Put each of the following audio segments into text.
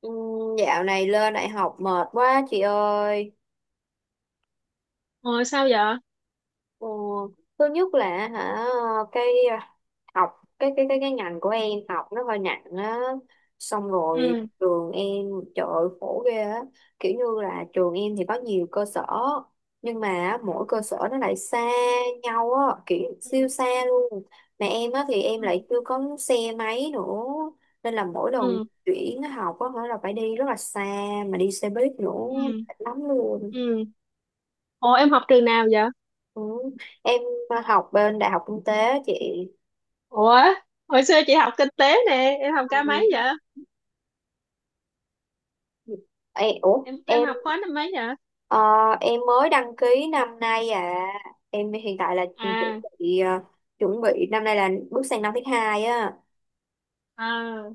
Ừ. Dạo này lên đại học mệt quá chị ơi. Ồ, sao vậy? Ờ, Thứ nhất là cái à, học cái ngành của em học nó hơi nặng á, xong rồi Ừ. trường em, trời ơi, khổ ghê á. Kiểu như là trường em thì có nhiều cơ sở, nhưng mà á, mỗi cơ sở nó lại xa nhau á, kiểu Ừ. siêu xa luôn. Mà em á thì em Ừ. lại chưa có xe máy nữa, nên là mỗi lần Ừ. chuyển học á là phải đi rất là xa, mà đi xe buýt nữa Ừ. mệt lắm luôn. Ừ. Ồ, em học trường nào vậy? Ừ. Em học bên Đại học Kinh tế chị. Ủa, hồi xưa chị học kinh tế nè, em học ca mấy Ừ. vậy? Ê, ủa Em em, học khóa năm mấy vậy? ờ, em mới đăng ký năm nay à, em hiện tại là chuẩn À, bị chuẩn bị năm nay là bước sang năm thứ hai á. à,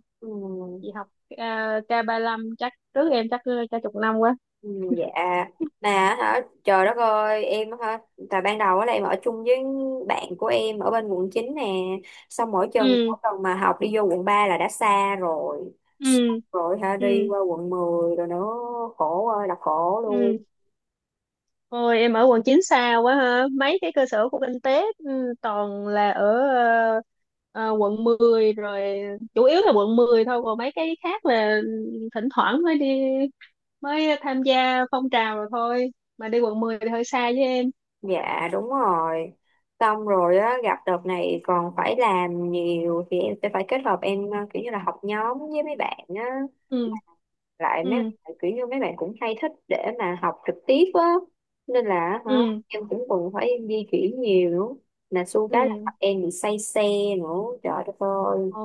chị Ừ. học k lăm, chắc trước em chắc chắc chục năm quá. Ừ, dạ. Mà trời đất ơi em tại ban đầu á là em ở chung với bạn của em ở bên quận 9 nè, xong mỗi chừng Ừ. mỗi tuần mà học đi vô quận 3 là đã xa rồi, Ừ. rồi đi Ừ. qua quận 10 rồi nữa, khổ ơi là khổ luôn. Ừ. Ôi, em ở quận 9 xa quá ha. Mấy cái cơ sở của kinh tế, ừ, toàn là ở ờ, quận 10 rồi, chủ yếu là quận 10 thôi, còn mấy cái khác là ừ, thỉnh thoảng mới đi, mới tham gia phong trào rồi thôi, mà đi quận mười thì hơi xa với em. Dạ đúng rồi. Xong rồi á gặp đợt này còn phải làm nhiều thì em sẽ phải kết hợp em, kiểu như là học nhóm với mấy bạn á, Ừ. lại mấy Ừ. bạn kiểu như mấy bạn cũng hay thích để mà học trực tiếp á, nên là Ừ. em cũng cần phải em di chuyển nhiều nữa. Mà xu cái là Ừ. em bị say xe nữa, trời đất ơi. Ồ.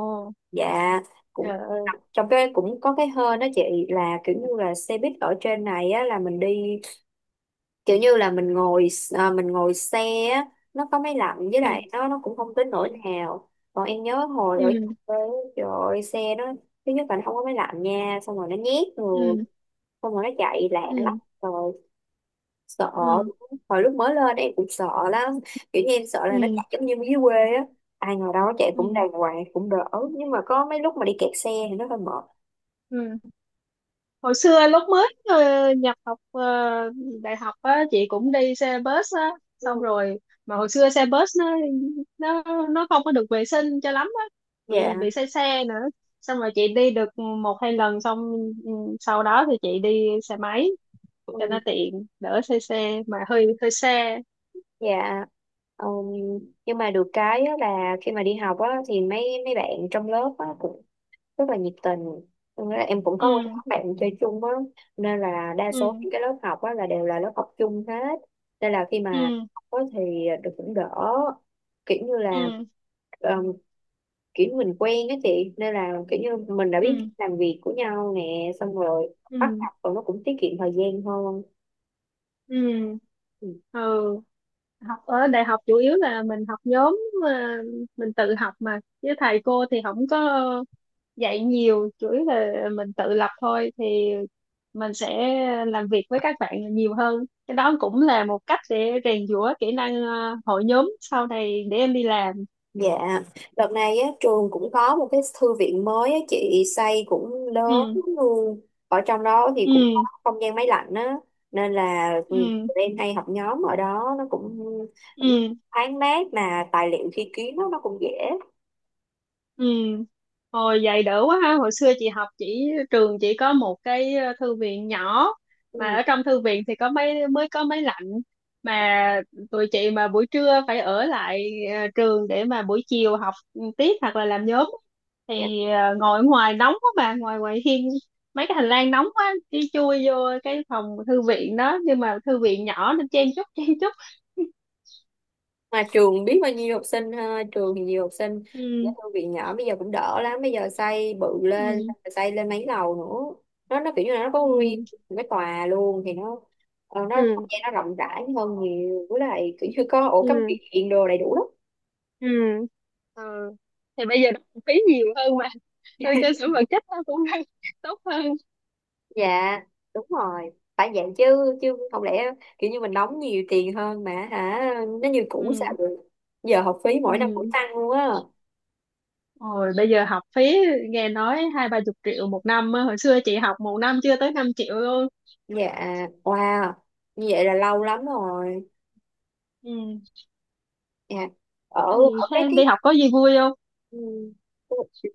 Dạ. Trời Cũng ơi. trong cái cũng có cái hên đó chị, là kiểu như là xe buýt ở trên này á là mình đi, kiểu như là mình ngồi, mình ngồi xe á, nó có máy lạnh, với Ừ. lại nó cũng không tới nỗi nào. Còn em nhớ hồi Ừ. ở quê á, trời ơi, xe nó thứ nhất là nó không có máy lạnh nha, xong rồi nó nhét người, Ừ. xong rồi nó chạy lạng lắm Ừ. rồi sợ. Ừ. Ừ. Hồi lúc mới lên em cũng sợ lắm, kiểu như em sợ là nó Ừ. chạy giống như dưới quê á, ai ngồi đó chạy Ừ. cũng đàng hoàng cũng đỡ, nhưng mà có mấy lúc mà đi kẹt xe thì nó hơi mệt. Ừ. Ừ. Hồi xưa lúc mới nhập học đại học á, chị cũng đi xe bus á. Ừ, Xong rồi mà hồi xưa xe bus nó, nó nó không có được vệ sinh cho lắm á. Chị dạ. bị say xe nữa, xong rồi chị đi được một hai lần. Xong ừ, sau đó thì chị đi xe máy cho nó Ừ, tiện, đỡ say xe mà hơi hơi xe. dạ. Ừm, nhưng mà được cái á là khi mà đi học á thì mấy mấy bạn trong lớp á cũng rất là nhiệt tình. Nên là em cũng có một nhóm Ừ. bạn chơi chung á, nên là đa số Ừ. những cái lớp học á là đều là lớp học chung hết, nên là khi mà Ừ. học á thì được cũng đỡ, kiểu như là, Ừ. um, kiểu mình quen á chị, nên là kiểu như mình đã Ừ. biết làm việc của nhau nè, xong rồi bắt Ừ. học rồi nó cũng tiết kiệm thời gian hơn. Ừ. Ừ. Ừ. Ừ. Học ở đại học chủ yếu là mình học nhóm, ờ, mình tự học, mà với thầy cô thì không có dạy nhiều, chủ yếu là mình tự lập thôi, thì mình sẽ làm việc với các bạn nhiều hơn. Cái đó cũng là một cách để rèn giũa kỹ năng hội nhóm sau này để em đi làm. Dạ, đợt này á, trường cũng có một cái thư viện mới á chị, xây cũng lớn Ừ. luôn. Ở trong đó thì cũng có Ừ. không gian máy lạnh á, nên là tụi Ừ. em hay học nhóm ở đó, nó cũng cũng Ừ. thoáng mát, mà tài liệu thi ký nó cũng dễ. Ừ. Hồi vậy đỡ quá ha. Hồi xưa chị học, chỉ trường chỉ có một cái thư viện nhỏ, mà ở trong thư viện thì có mấy mới có máy lạnh. Mà tụi chị mà buổi trưa phải ở lại trường để mà buổi chiều học tiếp hoặc là làm nhóm, Ừ. thì ngồi ở ngoài nóng quá, mà ngoài ngoài hiên mấy cái hành lang nóng quá, đi chui vô cái phòng thư viện đó, nhưng mà thư viện nhỏ nên chen chúc chen chúc. Mà trường biết bao nhiêu học sinh ha, trường thì nhiều học sinh, cái Ừ. thư viện nhỏ bây giờ cũng đỡ lắm, bây giờ xây bự lên, Ừ. xây lên mấy lầu nữa, nó kiểu như là nó có riêng Ừ. cái tòa luôn, thì nó nó không Ừ. gian nó rộng rãi hơn nhiều, với lại kiểu như có ổ cắm Ừ. điện đồ đầy đủ lắm. Ừ. Ừ. Thì bây giờ nó cũng phí nhiều hơn mà, nên cơ sở vật chất nó cũng đang tốt hơn. Dạ đúng rồi, phải vậy chứ, chứ không lẽ kiểu như mình đóng nhiều tiền hơn mà nó như cũ sao Ừ. được. Giờ học phí mỗi năm cũng Ừ. tăng luôn á. Rồi bây giờ học phí nghe nói hai ba chục triệu một năm á. Hồi xưa chị học một năm chưa tới 5 triệu luôn. Dạ, wow, như vậy là lâu lắm rồi. Ừ. Dạ. Ở Thì ở thế cái em tiết đi học có gì vui không? ừm,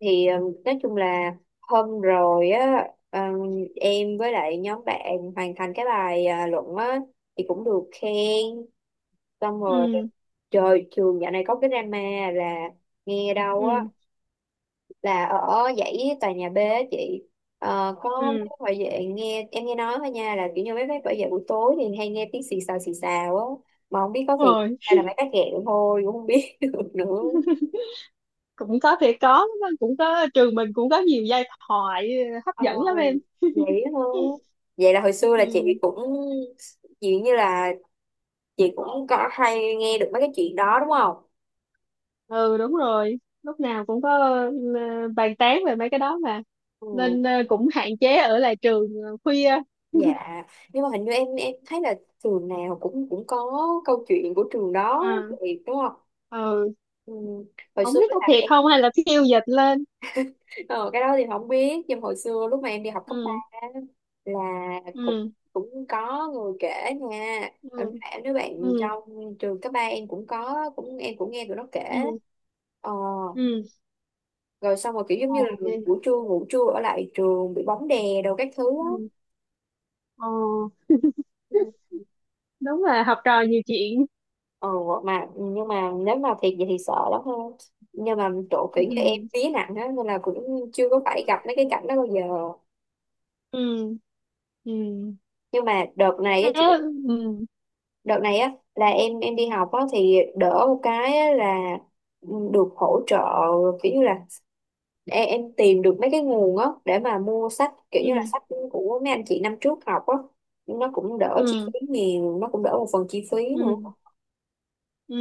thì nói chung là hôm rồi á, em với lại nhóm bạn hoàn thành cái bài luận á thì cũng được khen. Xong rồi Ừ. trời, trường dạo này có cái drama, là nghe đâu á Ừ. là ở dãy tòa nhà B á chị, có Ừ. mấy bảo vệ, nghe em nghe nói thôi nha, là kiểu như mấy bác bảo vệ buổi tối thì hay nghe tiếng xì xào á, mà không biết có thiệt Rồi. hay là mấy bác ghẹo thôi cũng không biết được nữa. Cũng có thể có. Cũng có, trường mình cũng có nhiều giai thoại hấp Ờ, dẫn lắm em. Vậy thôi, vậy là hồi xưa là chị Ừ. cũng, chuyện như là chị cũng có hay nghe được mấy cái chuyện đó đúng không. Ừ đúng rồi, lúc nào cũng có bàn tán về mấy cái đó mà, Ừ, nên cũng hạn chế ở lại trường khuya. dạ. Nhưng mà hình như em thấy là trường nào cũng cũng có câu chuyện của trường đó À. vậy, đúng không. Ừ, Ừ, hồi không xưa biết có là thiệt em, không hay là phiêu dịch lên. Ờ, cái đó thì không biết, nhưng hồi xưa lúc mà em đi học cấp 3 Ừ. á, là cũng Ừ. cũng có người kể nha. em Ừ. em đứa Ừ. bạn trong trường cấp 3 em cũng có, cũng em cũng nghe tụi nó kể. Ừ. ờ, Ừ. Rồi xong rồi kiểu giống Ồ, như là ghê. buổi trưa ngủ trưa ở lại trường bị bóng đè đồ các thứ Ừ. á. Ồ. Ừ. Đúng là học trò nhiều chuyện. ờ, mà nhưng mà nếu mà thiệt vậy thì sợ lắm ha. Nhưng mà chỗ kiểu như em Ừ. vía nặng á, nên là cũng chưa có phải gặp mấy cái cảnh đó bao giờ. Ừ. Ừ. Nhưng mà đợt này á, Thế. Ừ. đợt này á là em đi học á thì đỡ một cái á là, ừ, được hỗ trợ, kiểu như là em tìm được mấy cái nguồn á để mà mua sách, kiểu như là Ừ. sách của mấy anh chị năm trước học á, nó cũng đỡ chi Ừ. phí nhiều, nó cũng đỡ một phần chi phí nữa. Ừ. Ừ.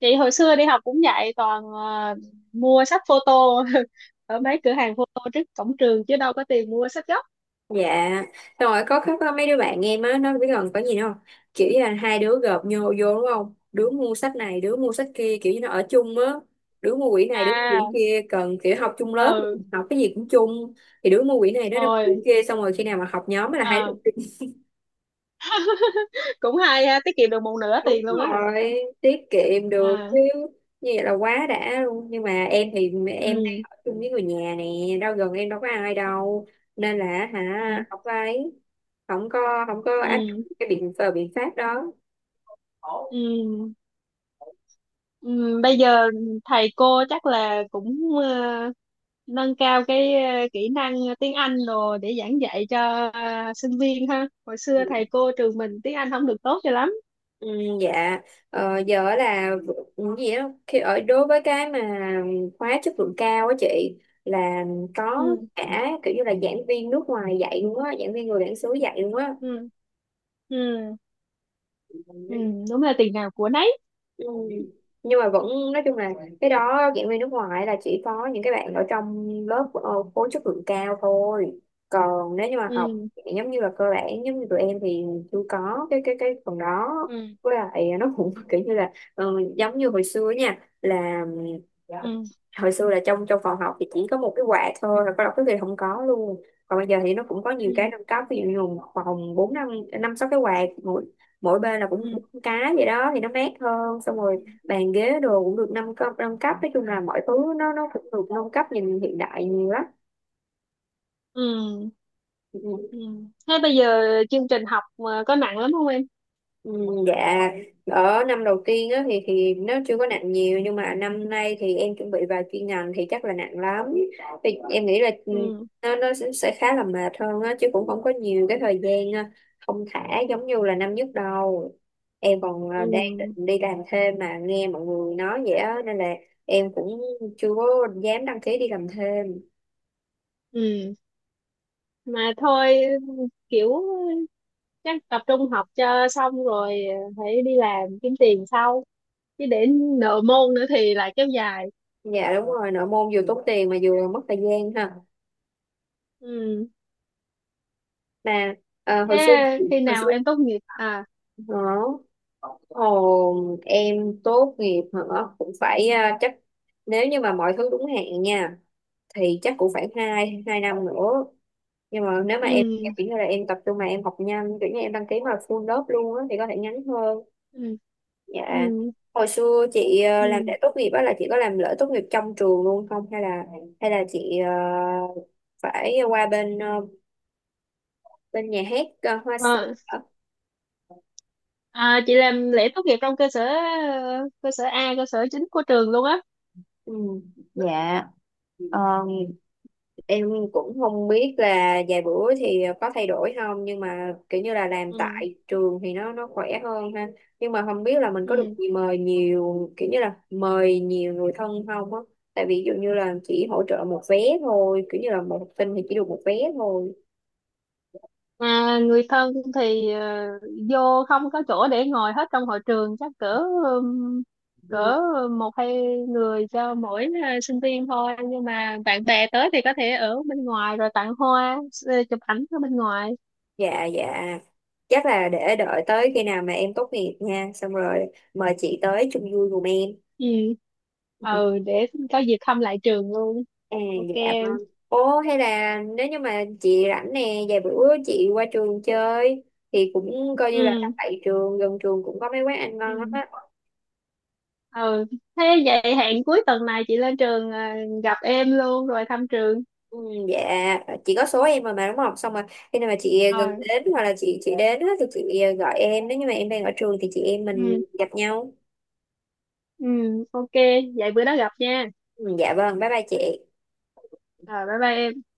Chị hồi xưa đi học cũng vậy, toàn mua sách photo. Ở mấy cửa hàng photo trước cổng trường, chứ đâu có tiền mua sách gốc. Dạ, xong rồi có mấy đứa bạn em á, nó biết gần có gì nữa không? Kiểu như là hai đứa gộp nhô vô đúng không? Đứa mua sách này, đứa mua sách kia, kiểu như nó ở chung á. Đứa mua quyển này, đứa mua À. quyển kia, cần kiểu học chung lớp, Ừ. học cái gì cũng chung. Thì đứa mua quyển này, đứa mua quyển Rồi. kia, xong rồi khi nào mà học nhóm là hai đứa. À, cũng hay ha, tiết kiệm được một nửa Đúng tiền luôn á. rồi, tiết kiệm được À. chứ, như vậy là quá đã luôn. Nhưng mà em thì em đang Ừ. ở chung với người nhà nè, đâu gần em đâu có ai Ừ. đâu. Nên là Ừ. Không có ấy, không có không có áp Ừ. dụng cái biện pháp đó. Ừ. Ừ. Bây giờ thầy cô chắc là cũng nâng cao cái kỹ năng tiếng Anh rồi để giảng dạy cho sinh viên ha. Hồi xưa thầy cô trường mình tiếng Anh không được tốt cho lắm. Ừ, dạ. Giờ là gì đó, khi ở đối với cái mà khóa chất lượng cao á chị, là có Ừ. cả kiểu như là giảng viên nước ngoài dạy luôn á, giảng viên người bản xứ dạy luôn á. Ừ. Ừ. Ừ, đúng là tiền nào của nấy. Ừ. Nhưng mà vẫn, nói chung là, cái đó giảng viên nước ngoài là chỉ có những cái bạn ở trong lớp, khối chất lượng cao thôi. Còn nếu như mà học Ừ. giống như là cơ bản giống như tụi em thì chưa có cái cái phần đó. Ừ. Với lại nó cũng kiểu như là, giống như hồi xưa nha, là Ừ. hồi xưa là trong trong phòng học thì chỉ có một cái quạt thôi, rồi có đọc cái gì không có luôn. Còn bây giờ thì nó cũng có nhiều Ừ. cái nâng cấp, ví dụ như một phòng bốn năm năm sáu cái quạt, mỗi bên là cũng Ừ. bốn cái vậy đó thì nó mát hơn. Xong Ừ. rồi bàn ghế đồ cũng được nâng cấp nâng cấp, nói chung là mọi thứ nó cũng được nâng cấp, nhìn hiện đại nhiều lắm. Ừ. Ừ. Ừ. Thế bây giờ chương trình học mà có nặng lắm không em? Ừ, dạ, ở năm đầu tiên á, thì nó chưa có nặng nhiều, nhưng mà năm nay thì em chuẩn bị vào chuyên ngành thì chắc là nặng lắm. Thì em nghĩ là, ừ, Ừ. nó sẽ khá là mệt hơn á chứ, cũng không có nhiều cái thời gian thong thả giống như là năm nhất đâu. Em còn Ừ. đang định đi làm thêm, mà nghe mọi người nói vậy á nên là em cũng chưa có dám đăng ký đi làm thêm. Ừ. Mà thôi, kiểu chắc tập trung học cho xong, rồi phải đi làm kiếm tiền sau, chứ để nợ môn nữa thì lại kéo dài. Dạ đúng rồi, nội môn vừa tốn tiền mà vừa mất thời gian ha. Ừ. Mà ờ, Thế hồi xưa khi hồi nào xưa, em tốt nghiệp à? Ờ. Ồ, em tốt nghiệp hả? Cũng phải à, chắc nếu như mà mọi thứ đúng hạn nha thì chắc cũng phải hai hai năm nữa. Nhưng mà nếu mà em Ừ. kiểu như là em tập trung mà em học nhanh, kiểu như em đăng ký mà full lớp luôn á thì có thể ngắn hơn. Ừ. Ừ. Dạ. Hồi xưa chị làm Ừ. lễ tốt nghiệp á, là chị có làm lễ tốt nghiệp trong trường luôn không, hay là hay là chị phải qua bên bên nhà hát, Hoa Sen Ờ. hả? À, chị làm lễ tốt nghiệp trong cơ sở A, cơ sở chính của trường luôn á. Ừ. Dạ, em cũng không biết là vài bữa thì có thay đổi không, nhưng mà kiểu như là làm Ừ. tại trường thì nó khỏe hơn ha. Nhưng mà không biết là mình có được Ừ. mời nhiều, kiểu như là mời nhiều người thân không á. Tại vì ví dụ như là chỉ hỗ trợ một vé thôi, kiểu như là một học sinh thì chỉ được một vé thôi. Mà người thân thì vô không có chỗ để ngồi hết trong hội trường, chắc cỡ ừm, Ừ. cỡ một hai người cho mỗi sinh viên thôi, nhưng mà bạn bè tới thì có thể ở bên ngoài rồi tặng hoa, chụp ảnh ở bên ngoài. Dạ dạ. Chắc là để đợi tới khi nào mà em tốt nghiệp nha, xong rồi mời chị tới chung vui cùng em. Ừ. Ừ để có dịp thăm lại trường luôn. À, Ok dạ em. vâng. Ồ hay là nếu như mà chị rảnh nè, vài bữa chị qua trường chơi thì cũng coi như là đang Ừ. tại trường, gần trường cũng có mấy quán ăn ngon lắm Ừ. á. Ừ. Thế vậy hẹn cuối tuần này chị lên trường, à, gặp em luôn rồi thăm trường. Ừ, dạ, chị có số em rồi mà đúng không? Xong rồi khi nào mà chị gần Rồi. đến, hoặc là chị đến á, thì chị gọi em, nếu như mà em đang ở trường thì chị em mình Ừ. gặp nhau. Ừ. Ok, vậy bữa đó gặp nha. Ừ, dạ vâng, bye bye chị. Rồi, bye bye em.